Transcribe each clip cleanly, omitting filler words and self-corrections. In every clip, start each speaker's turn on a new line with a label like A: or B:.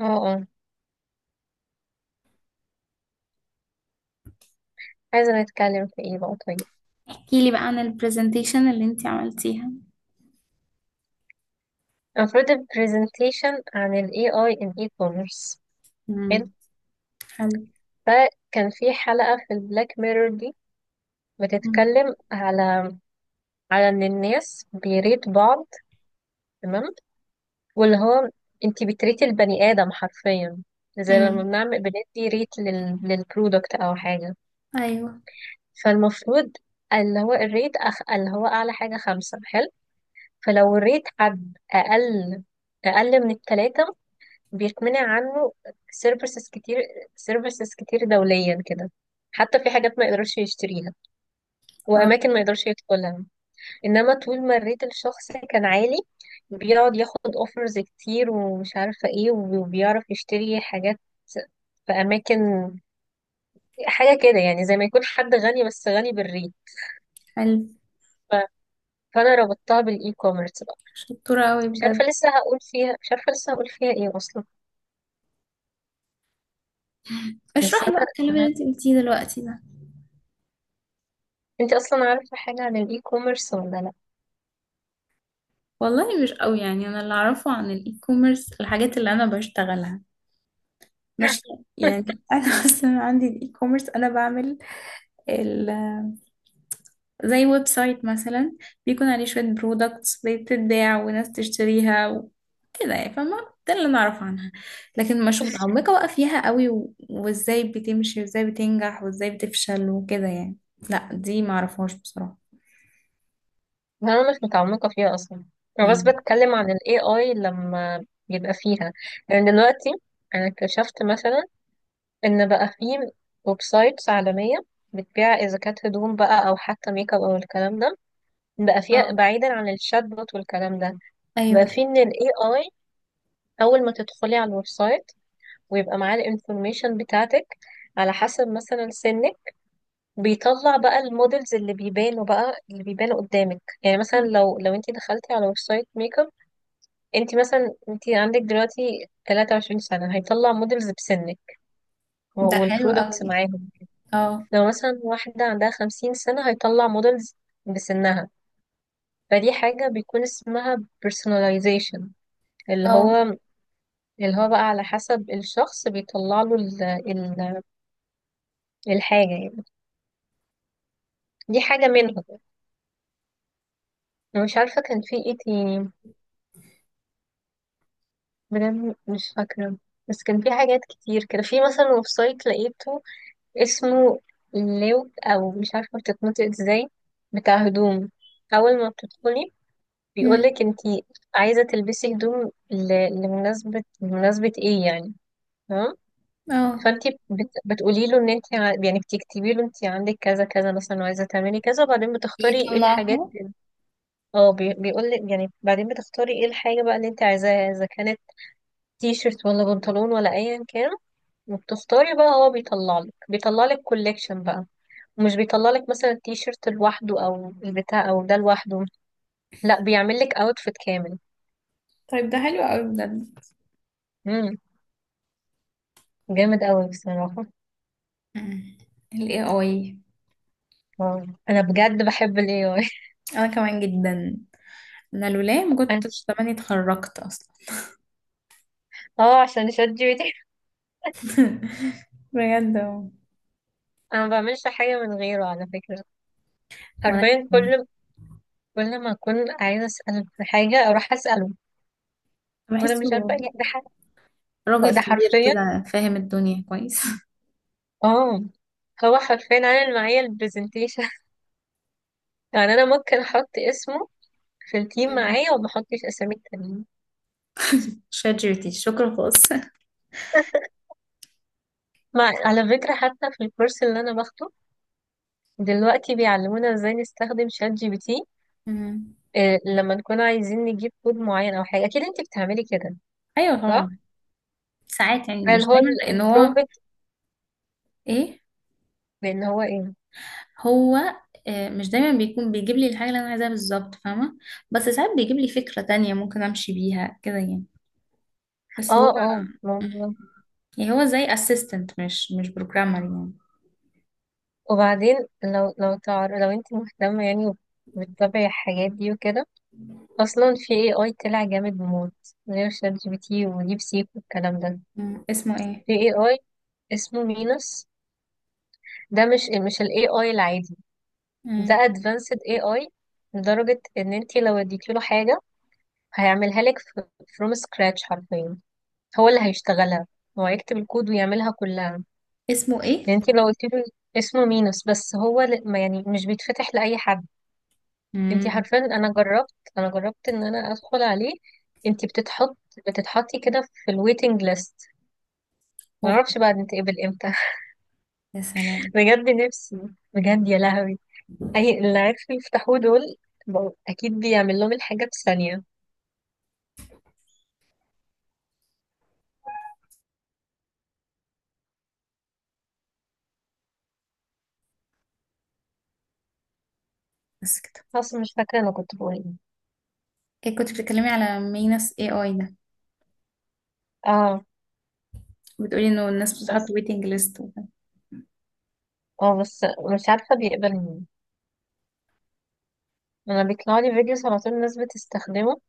A: اه اه، عايزة نتكلم في ايه بقى طيب؟
B: احكي لي بقى عن البرزنتيشن اللي انتي عملتيها.
A: المفروض البرزنتيشن عن ال AI in e-commerce. حلو.
B: امم حلو.
A: فكان في حلقة في البلاك ميرور دي
B: مم.
A: بتتكلم على ان الناس بيريد بعض. تمام. واللي هو انتي بتريتي البني ادم حرفيا، زي لما
B: امم
A: بنعمل بندي ريت للبرودكت او حاجة.
B: ايوه.
A: فالمفروض اللي هو الريت اللي هو اعلى حاجة خمسة. حلو. فلو الريت حد اقل من التلاتة، بيتمنع عنه سيرفيسز كتير، سيرفيسز كتير دوليا كده. حتى في حاجات ما يقدرش يشتريها،
B: اه،
A: وأماكن ما يقدرش يدخلها. إنما طول ما الريت الشخص كان عالي، بيقعد ياخد اوفرز كتير ومش عارفة ايه، وبيعرف يشتري حاجات في أماكن. حاجة كده يعني، زي ما يكون حد غني، بس غني بالريت.
B: حلو.
A: ف- فأنا ربطتها بالإي كوميرس بقى.
B: شطورة قوي
A: مش
B: بجد.
A: عارفة لسه هقول فيها مش عارفة لسه هقول فيها ايه أصلا. بس
B: اشرحي بقى الكلام اللي
A: أنا-
B: انتي قلتيه دلوقتي ده.
A: أنت أصلا عارفة حاجة عن الإي كوميرس ولا؟
B: والله مش قوي، يعني انا اللي اعرفه عن الاي كوميرس الحاجات اللي انا بشتغلها. ماشي.
A: لأ؟
B: يعني انا اصلا عندي الاي كوميرس، انا بعمل زي ويب سايت مثلا، بيكون عليه شوية برودكتس بتتباع وناس تشتريها وكده، يعني فاهمة. ده اللي نعرف عنها. لكن مش متعمقة بقى فيها قوي وازاي بتمشي وازاي بتنجح وازاي بتفشل وكده يعني. لا دي معرفهاش بصراحة.
A: أنا مش متعمقة فيها أصلا. أنا بس
B: مم.
A: بتكلم عن ال AI لما يبقى فيها، يعني دلوقتي أنا اكتشفت مثلا إن بقى فيه ويب سايتس عالمية بتبيع، إذا كانت هدوم بقى أو حتى ميك أب أو الكلام ده، بقى فيها
B: اه.
A: بعيدا عن الشات بوت والكلام ده. بقى
B: ايوه.
A: فيه إن ال AI أول ما تدخلي على الويب سايت، ويبقى معاه الانفورميشن بتاعتك على حسب مثلا سنك. بيطلع بقى المودلز اللي بيبانوا قدامك، يعني مثلا لو انت دخلتي على ويب سايت ميك اب، انت مثلا انت عندك دلوقتي 23 سنة، هيطلع موديلز بسنك
B: ده حلو
A: والبرودكتس
B: قوي.
A: معاهم.
B: اه.
A: لو مثلا واحدة عندها 50 سنة، هيطلع موديلز بسنها. فدي حاجة بيكون اسمها personalization. اللي
B: اه.
A: هو اللي هو بقى على حسب الشخص بيطلع له الحاجة يعني. دي حاجة منهم. انا مش عارفة كان في ايه تاني، بجد مش فاكرة. بس كان في حاجات كتير كده. في مثلا ويب سايت لقيته، اسمه لوك او مش عارفه بتتنطق ازاي، بتاع هدوم. اول ما بتدخلي،
B: مم.
A: بيقولك انتي عايزه تلبسي هدوم لمناسبه ايه يعني. تمام.
B: اه.
A: فانتي بتقولي له ان يعني بتكتبي له انتي عندك كذا كذا مثلا وعايزه تعملي كذا، وبعدين بتختاري ايه الحاجات.
B: يطلعها.
A: اه، بيقولك يعني، بعدين بتختاري ايه الحاجه بقى اللي انتي عايزاها، اذا كانت تي شيرت ولا بنطلون ولا ايا كان. وبتختاري بقى، هو بيطلعلك كوليكشن بقى. مش بيطلع لك مثلا التيشيرت لوحده او البتاع او ده لوحده، لا، بيعمل لك اوتفيت كامل.
B: طيب ده حلو قوي بجد.
A: امم جامد قوي بصراحه.
B: مم. ال AI.
A: اه، انا بجد بحب الاي اي.
B: انا كمان جدا. انا لولاه ما
A: أنا-
B: كنتش زماني اتخرجت اصلا.
A: اه، عشان شات جي بي تي.
B: بجد اهو.
A: انا ما بعملش حاجه من غيره على فكره،
B: وانا
A: حرفيا
B: كمان.
A: كل ما اكون عايزه اساله في حاجه، اروح اساله. وانا
B: بحسه
A: مش عارفه ايه ده، حاجه.
B: راجل
A: ده
B: كبير
A: حرفيا.
B: كده فاهم الدنيا كويس.
A: اه، هو حرفيا عامل معايا البرزنتيشن. يعني انا ممكن احط اسمه في التيم
B: مم.
A: معايا، وما احطش اسامي التانيين.
B: شات جي بي تي شكرا خالص.
A: مع على فكرة حتى في الكورس اللي أنا باخده دلوقتي، بيعلمونا ازاي نستخدم شات جي بي تي.
B: مم.
A: إيه، لما نكون عايزين نجيب كود معين أو حاجة، أكيد أنت بتعملي كده،
B: ايوه
A: صح؟
B: طبعا. ساعات يعني
A: اللي
B: مش
A: هو
B: دايما، لان هو
A: البرومبت،
B: ايه.
A: بإن هو إيه؟
B: هو آه، مش دايما بيكون بيجيب لي الحاجه اللي انا عايزاها بالظبط، فاهمه. بس ساعات بيجيب لي فكره تانية ممكن امشي بيها كده يعني.
A: اه،
B: بس هو،
A: اه، ممكن.
B: يعني هو زي اسيستنت، مش بروجرامر يعني.
A: وبعدين، لو أنت مهتمة يعني، وبتتابعي الحاجات دي وكده، أصلا في اي اي طلع جامد موت، غير شات جي بي تي وديب سيك والكلام ده.
B: مم. اسمه ايه؟
A: في اي اي اسمه مينوس. ده مش الاي اي العادي. ده
B: مم.
A: advanced AI، لدرجة ان انتي لو اديتي له حاجة هيعملها لك from scratch حرفيا. هو اللي هيشتغلها، هو هيكتب الكود ويعملها كلها.
B: اسمه ايه؟
A: يعني انتي لو قلت له، اسمه مينوس بس هو ما يعني مش بيتفتح لأي حد. انتي
B: امم.
A: حرفيا، انا جربت ان انا ادخل عليه. انتي بتتحطي كده في الويتنج ليست.
B: اوه.
A: معرفش بقى نتقبل امتى.
B: يا سلام.
A: بجد نفسي، بجد يا لهوي. اي اللي عرفوا يفتحوه دول، بقوا اكيد بيعمل لهم الحاجة في ثانية.
B: بس كده.
A: خلاص مش فاكرة أنا كنت بقول إيه.
B: إيه كنت بتتكلمي على مينس اي اي ده،
A: اه
B: بتقولي انه الناس بتحط
A: بس
B: ويتنج ليست وكده.
A: اه، بس مش عارفة بيقبل مين. أنا بيطلع لي فيديوز على طول، الناس بتستخدمه.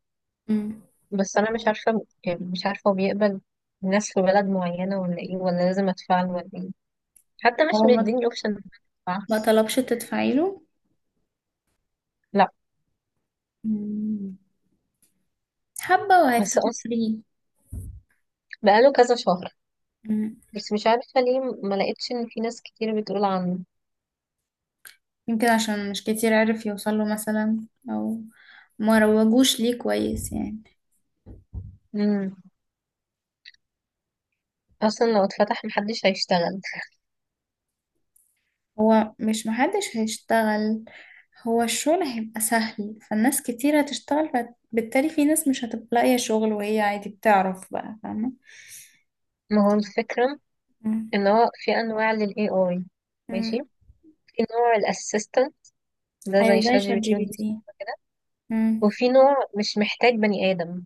B: مم.
A: بس أنا مش عارفة يعني مش عارفة هو بيقبل الناس في بلد معينة ولا إيه، ولا لازم أدفع له ولا إيه. حتى
B: هو
A: مش
B: ما،
A: مديني أوبشن.
B: ما طلبش تدفعي له؟
A: لا.
B: مم. حبة
A: بس
B: وهيفتحوا
A: أصلا
B: فري.
A: بقاله كذا شهر.
B: مم.
A: بس مش عارفة ليه ما لقيتش إن في ناس كتير بتقول عنه.
B: يمكن عشان مش كتير عرف يوصل له مثلا، او ما روجوش ليه كويس يعني.
A: مم. أصلا لو اتفتح محدش هيشتغل.
B: هو مش محدش هيشتغل، هو الشغل هيبقى سهل، فالناس كتير هتشتغل. فبالتالي في ناس مش هتبقى لاقية شغل وهي عادي بتعرف بقى، فاهمة؟
A: ما هو الفكرة
B: مم.
A: إن هو في أنواع لل AI. ماشي.
B: مم.
A: في نوع الأسيستنت، ده
B: ايوه
A: زي
B: زي
A: شات جي
B: شات
A: بي تي
B: جي بي
A: والديب
B: تي.
A: سيك كده.
B: مم.
A: وفي نوع مش محتاج بني آدم،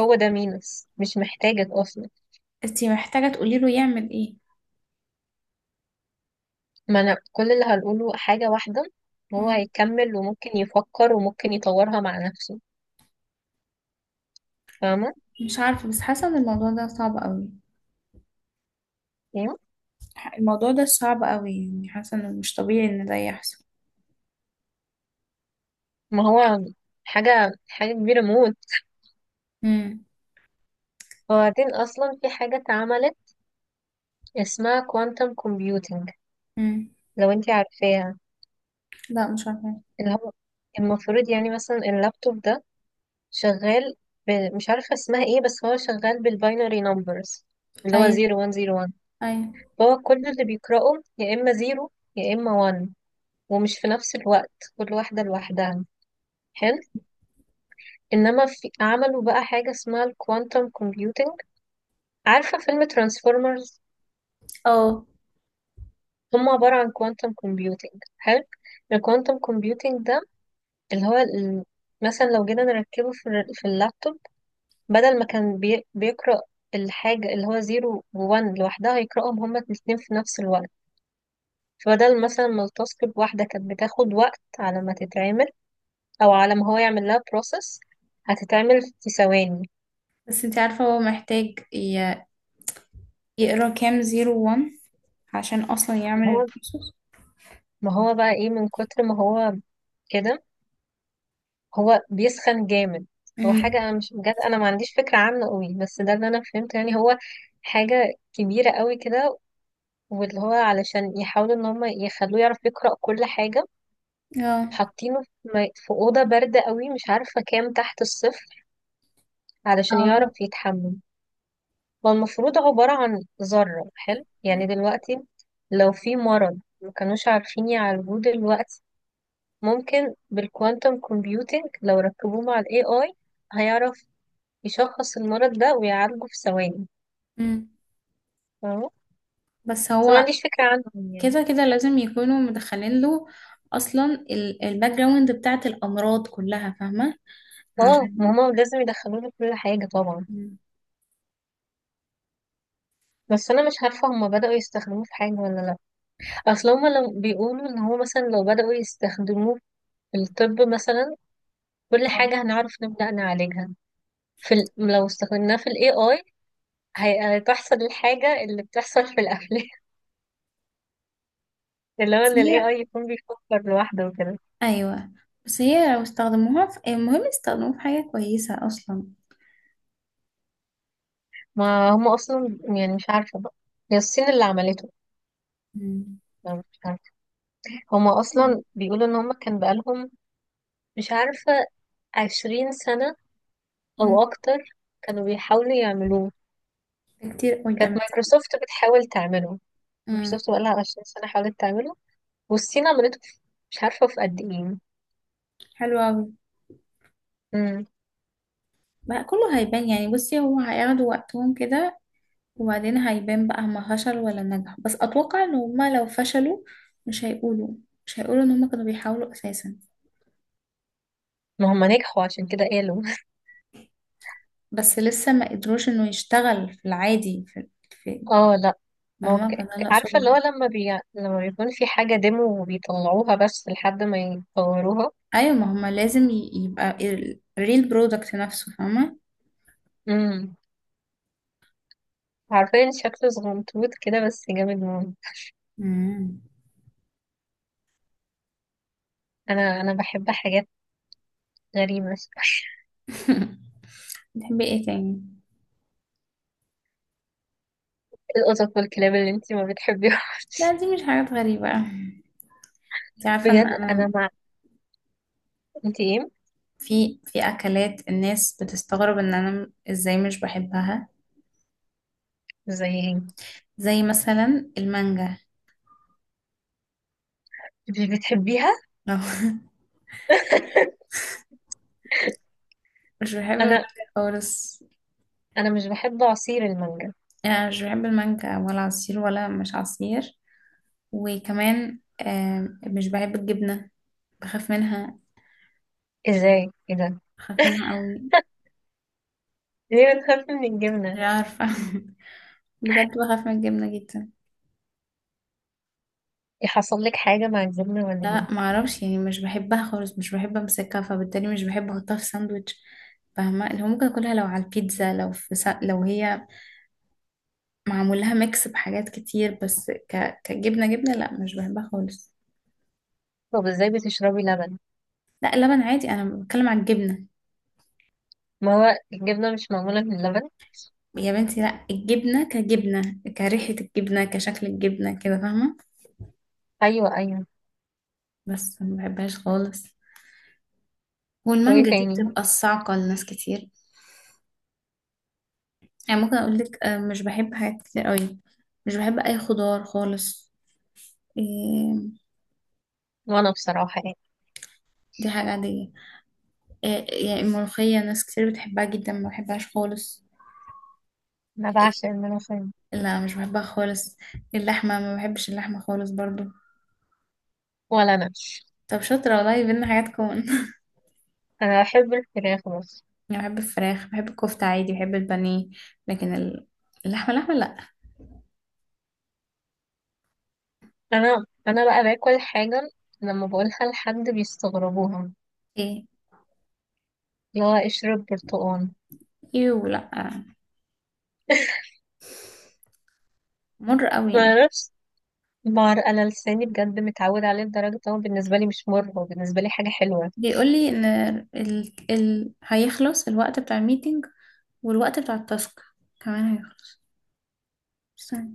A: هو ده مينوس، مش محتاجك أصلا.
B: انتي محتاجة تقولي له يعمل ايه.
A: ما أنا كل اللي هنقوله حاجة واحدة، هو
B: مم.
A: هيكمل وممكن يفكر وممكن يطورها مع نفسه. فاهمة؟
B: مش عارفة بس حاسة ان الموضوع ده صعب قوي.
A: يعني
B: الموضوع ده صعب قوي يعني، حاسة انه مش طبيعي ان ده يحصل.
A: ما هو، حاجة حاجة كبيرة موت.
B: مم.
A: وبعدين أصلا في حاجة اتعملت اسمها كوانتم كومبيوتينج.
B: مم.
A: لو انتي عارفاها،
B: لا مش عارفة.
A: اللي هو المفروض يعني مثلا اللابتوب ده شغال، ب... مش عارفة اسمها ايه، بس هو شغال بالباينري نمبرز، اللي هو
B: ايوه.
A: 0101.
B: ايوه.
A: فهو كل اللي بيقرأه، يا إما 0 يا إما 1، ومش في نفس الوقت، كل واحدة لوحدها. حلو. إنما عملوا بقى حاجة اسمها الكوانتم كومبيوتنج. عارفة فيلم ترانسفورمرز؟
B: اه.
A: هم عبارة عن كوانتم كومبيوتنج. حلو. الكوانتم كومبيوتنج ده، اللي هو مثلا لو جينا نركبه في اللابتوب، بدل ما كان بيقرأ الحاجة اللي هو زيرو وون لوحدها، هيقرأهم هما الاتنين في نفس الوقت. فبدل مثلا ما التاسك الواحدة كانت بتاخد وقت على ما تتعمل، أو على ما هو يعمل لها بروسس، هتتعمل في ثواني.
B: بس انتي عارفة هو محتاج يقرا كام زيرو وان عشان اصلا يعمل
A: ما هو
B: البروسس.
A: ما هو بقى ايه، من كتر ما هو كده، هو بيسخن جامد. هو حاجة
B: مم.
A: أنا مش، بجد أنا ما عنديش فكرة عامة قوي، بس ده اللي أنا فهمته يعني، هو حاجة كبيرة قوي كده. واللي هو علشان يحاولوا إن هما يخلوه يعرف يقرأ كل حاجة،
B: اه.
A: حاطينه في أوضة باردة قوي، مش عارفة كام تحت الصفر، علشان يعرف
B: اه.
A: يتحمم. هو المفروض عبارة عن ذرة. حلو. يعني دلوقتي لو في مرض ما كانوش عارفين يعالجوه دلوقتي، ممكن بالكوانتم كومبيوتينج لو ركبوه مع ال AI، هيعرف يشخص المرض ده ويعالجه في ثواني.
B: مم.
A: فاهمة؟
B: بس
A: بس ما
B: هو،
A: عنديش فكرة عنهم يعني.
B: كده كده لازم يكونوا مدخلين له اصلا الباك جراوند بتاعت الامراض كلها، فاهمة؟
A: اه،
B: عشان.
A: ما هما لازم يدخلوه في كل حاجة طبعا.
B: مم.
A: بس أنا مش عارفة هما بدأوا يستخدموه في حاجة ولا لأ. اصل هما لو بيقولوا ان هو، مثلا لو بدأوا يستخدموه في الطب مثلا، كل
B: اه.
A: حاجة هنعرف نبدأ نعالجها. لو استخدمناه في الاي اي، هتحصل الحاجة اللي بتحصل في الافلام. اللي هو
B: بس
A: ان الاي
B: هي،
A: اي يكون بيفكر لوحده وكده.
B: ايوه، بس هي لو استخدموها في المهم يستخدموها في حاجة كويسة اصلا.
A: ما هم اصلا يعني، مش عارفة بقى. هي الصين اللي عملته،
B: مم.
A: أنا مش عارفة. هما اصلا بيقولوا ان هما كان بقالهم، مش عارفة، 20 سنة
B: امم.
A: او اكتر، كانوا بيحاولوا يعملوه.
B: كتير
A: كانت
B: قدامك.
A: مايكروسوفت بتحاول تعمله.
B: امم.
A: مايكروسوفت بقالها 20 سنة حاولت تعمله. والصين عملته مش عارفة في قد ايه.
B: حلو قوي.
A: امم
B: بقى كله هيبان يعني، بصي، هو هياخدوا وقتهم كده، وبعدين هيبان بقى هما فشلوا ولا نجحوا. بس اتوقع ان هما لو فشلوا، مش هيقولوا مش هيقولوا ان هما كانوا بيحاولوا اساسا.
A: ما هم نجحوا عشان كده قالوا.
B: بس لسه ما قدروش انه يشتغل في العادي في.
A: اه لا، ما هو
B: فاهمه، فده اللي
A: عارفة،
B: اقصده.
A: اللي هو لما بيكون في حاجة ديمو وبيطلعوها بس لحد ما يطوروها.
B: ايوه، ما هما لازم يبقى الريل برودكت نفسه، فاهمه.
A: امم عارفين شكله صغنطوط كده، بس جامد موت.
B: مم.
A: انا بحب حاجات غريبة شوية.
B: بتحبي ايه تاني؟
A: القطط والكلاب اللي انتي ما
B: لا
A: بتحبيهاش.
B: دي مش حاجات غريبة. انت عارفة ان
A: بجد انا
B: انا
A: مع. انتي ايه؟
B: في اكلات الناس بتستغرب ان انا ازاي مش بحبها.
A: زي ايه؟
B: زي مثلا المانجا.
A: مش بتحبيها؟
B: مش بحب المانجا
A: انا
B: خالص.
A: انا مش بحب عصير المانجا.
B: يعني انا مش بحب المانجا ولا عصير ولا مش عصير. وكمان آم، مش بحب الجبنة. بخاف منها.
A: ازاي؟ ايه ده؟
B: بخاف منها قوي.
A: ليه بتخاف من الجبنة؟
B: مش عارفة. بجد بخاف من الجبنة جدا.
A: يحصل لك حاجة مع الجبنة واللبن؟
B: لا ما اعرفش، يعني مش بحبها خالص، مش بحب امسكها، فبالتالي مش بحب احطها في ساندوتش. فاهمه، اللي هو ممكن اكلها لو على البيتزا، لو في لو هي معمول لها ميكس بحاجات كتير، بس كجبنه جبنه لا مش بحبها خالص.
A: طب ازاي بتشربي لبن؟
B: لا اللبن عادي، انا بتكلم عن الجبنه.
A: ما هو الجبنة مش معمولة من اللبن؟
B: يا بنتي لا، الجبنه كجبنه، كريحه الجبنه، كشكل الجبنه كده، فاهمه؟
A: ايوه، ايوه.
B: بس ما بحبهاش خالص.
A: وايه
B: والمانجا دي
A: تاني؟
B: بتبقى الصعقه لناس كتير. يعني ممكن اقول لك آه، مش بحب حاجات كتير قوي. مش بحب اي خضار خالص. إيه،
A: وانا بصراحة يعني،
B: دي حاجة عادية. إيه يعني، الملوخية ناس كتير بتحبها جدا، ما بحبهاش خالص.
A: انا
B: إيه،
A: بعشق الملوخية.
B: لا مش بحبها خالص. اللحمة، ما بحبش اللحمة خالص برضو.
A: ولا انا.
B: طب شاطرة، والله بينا حاجات كون.
A: انا بحب الفراخ بس.
B: أنا بحب الفراخ، بحب الكفتة عادي، بحب البانيه. لكن اللحمة اللحمة لا.
A: انا بقى باكل حاجة لما بقولها لحد بيستغربوها.
B: ايه.
A: اللي هو اشرب برتقال.
B: يو لا. مر قوي
A: ما
B: يعني.
A: اعرفش، بار انا لساني بجد متعود عليه لدرجة ان هو بالنسبة لي مش مر، هو بالنسبة لي حاجة حلوة.
B: بيقول لي ان هيخلص الوقت بتاع الميتنج، والوقت بتاع التاسك كمان هيخلص.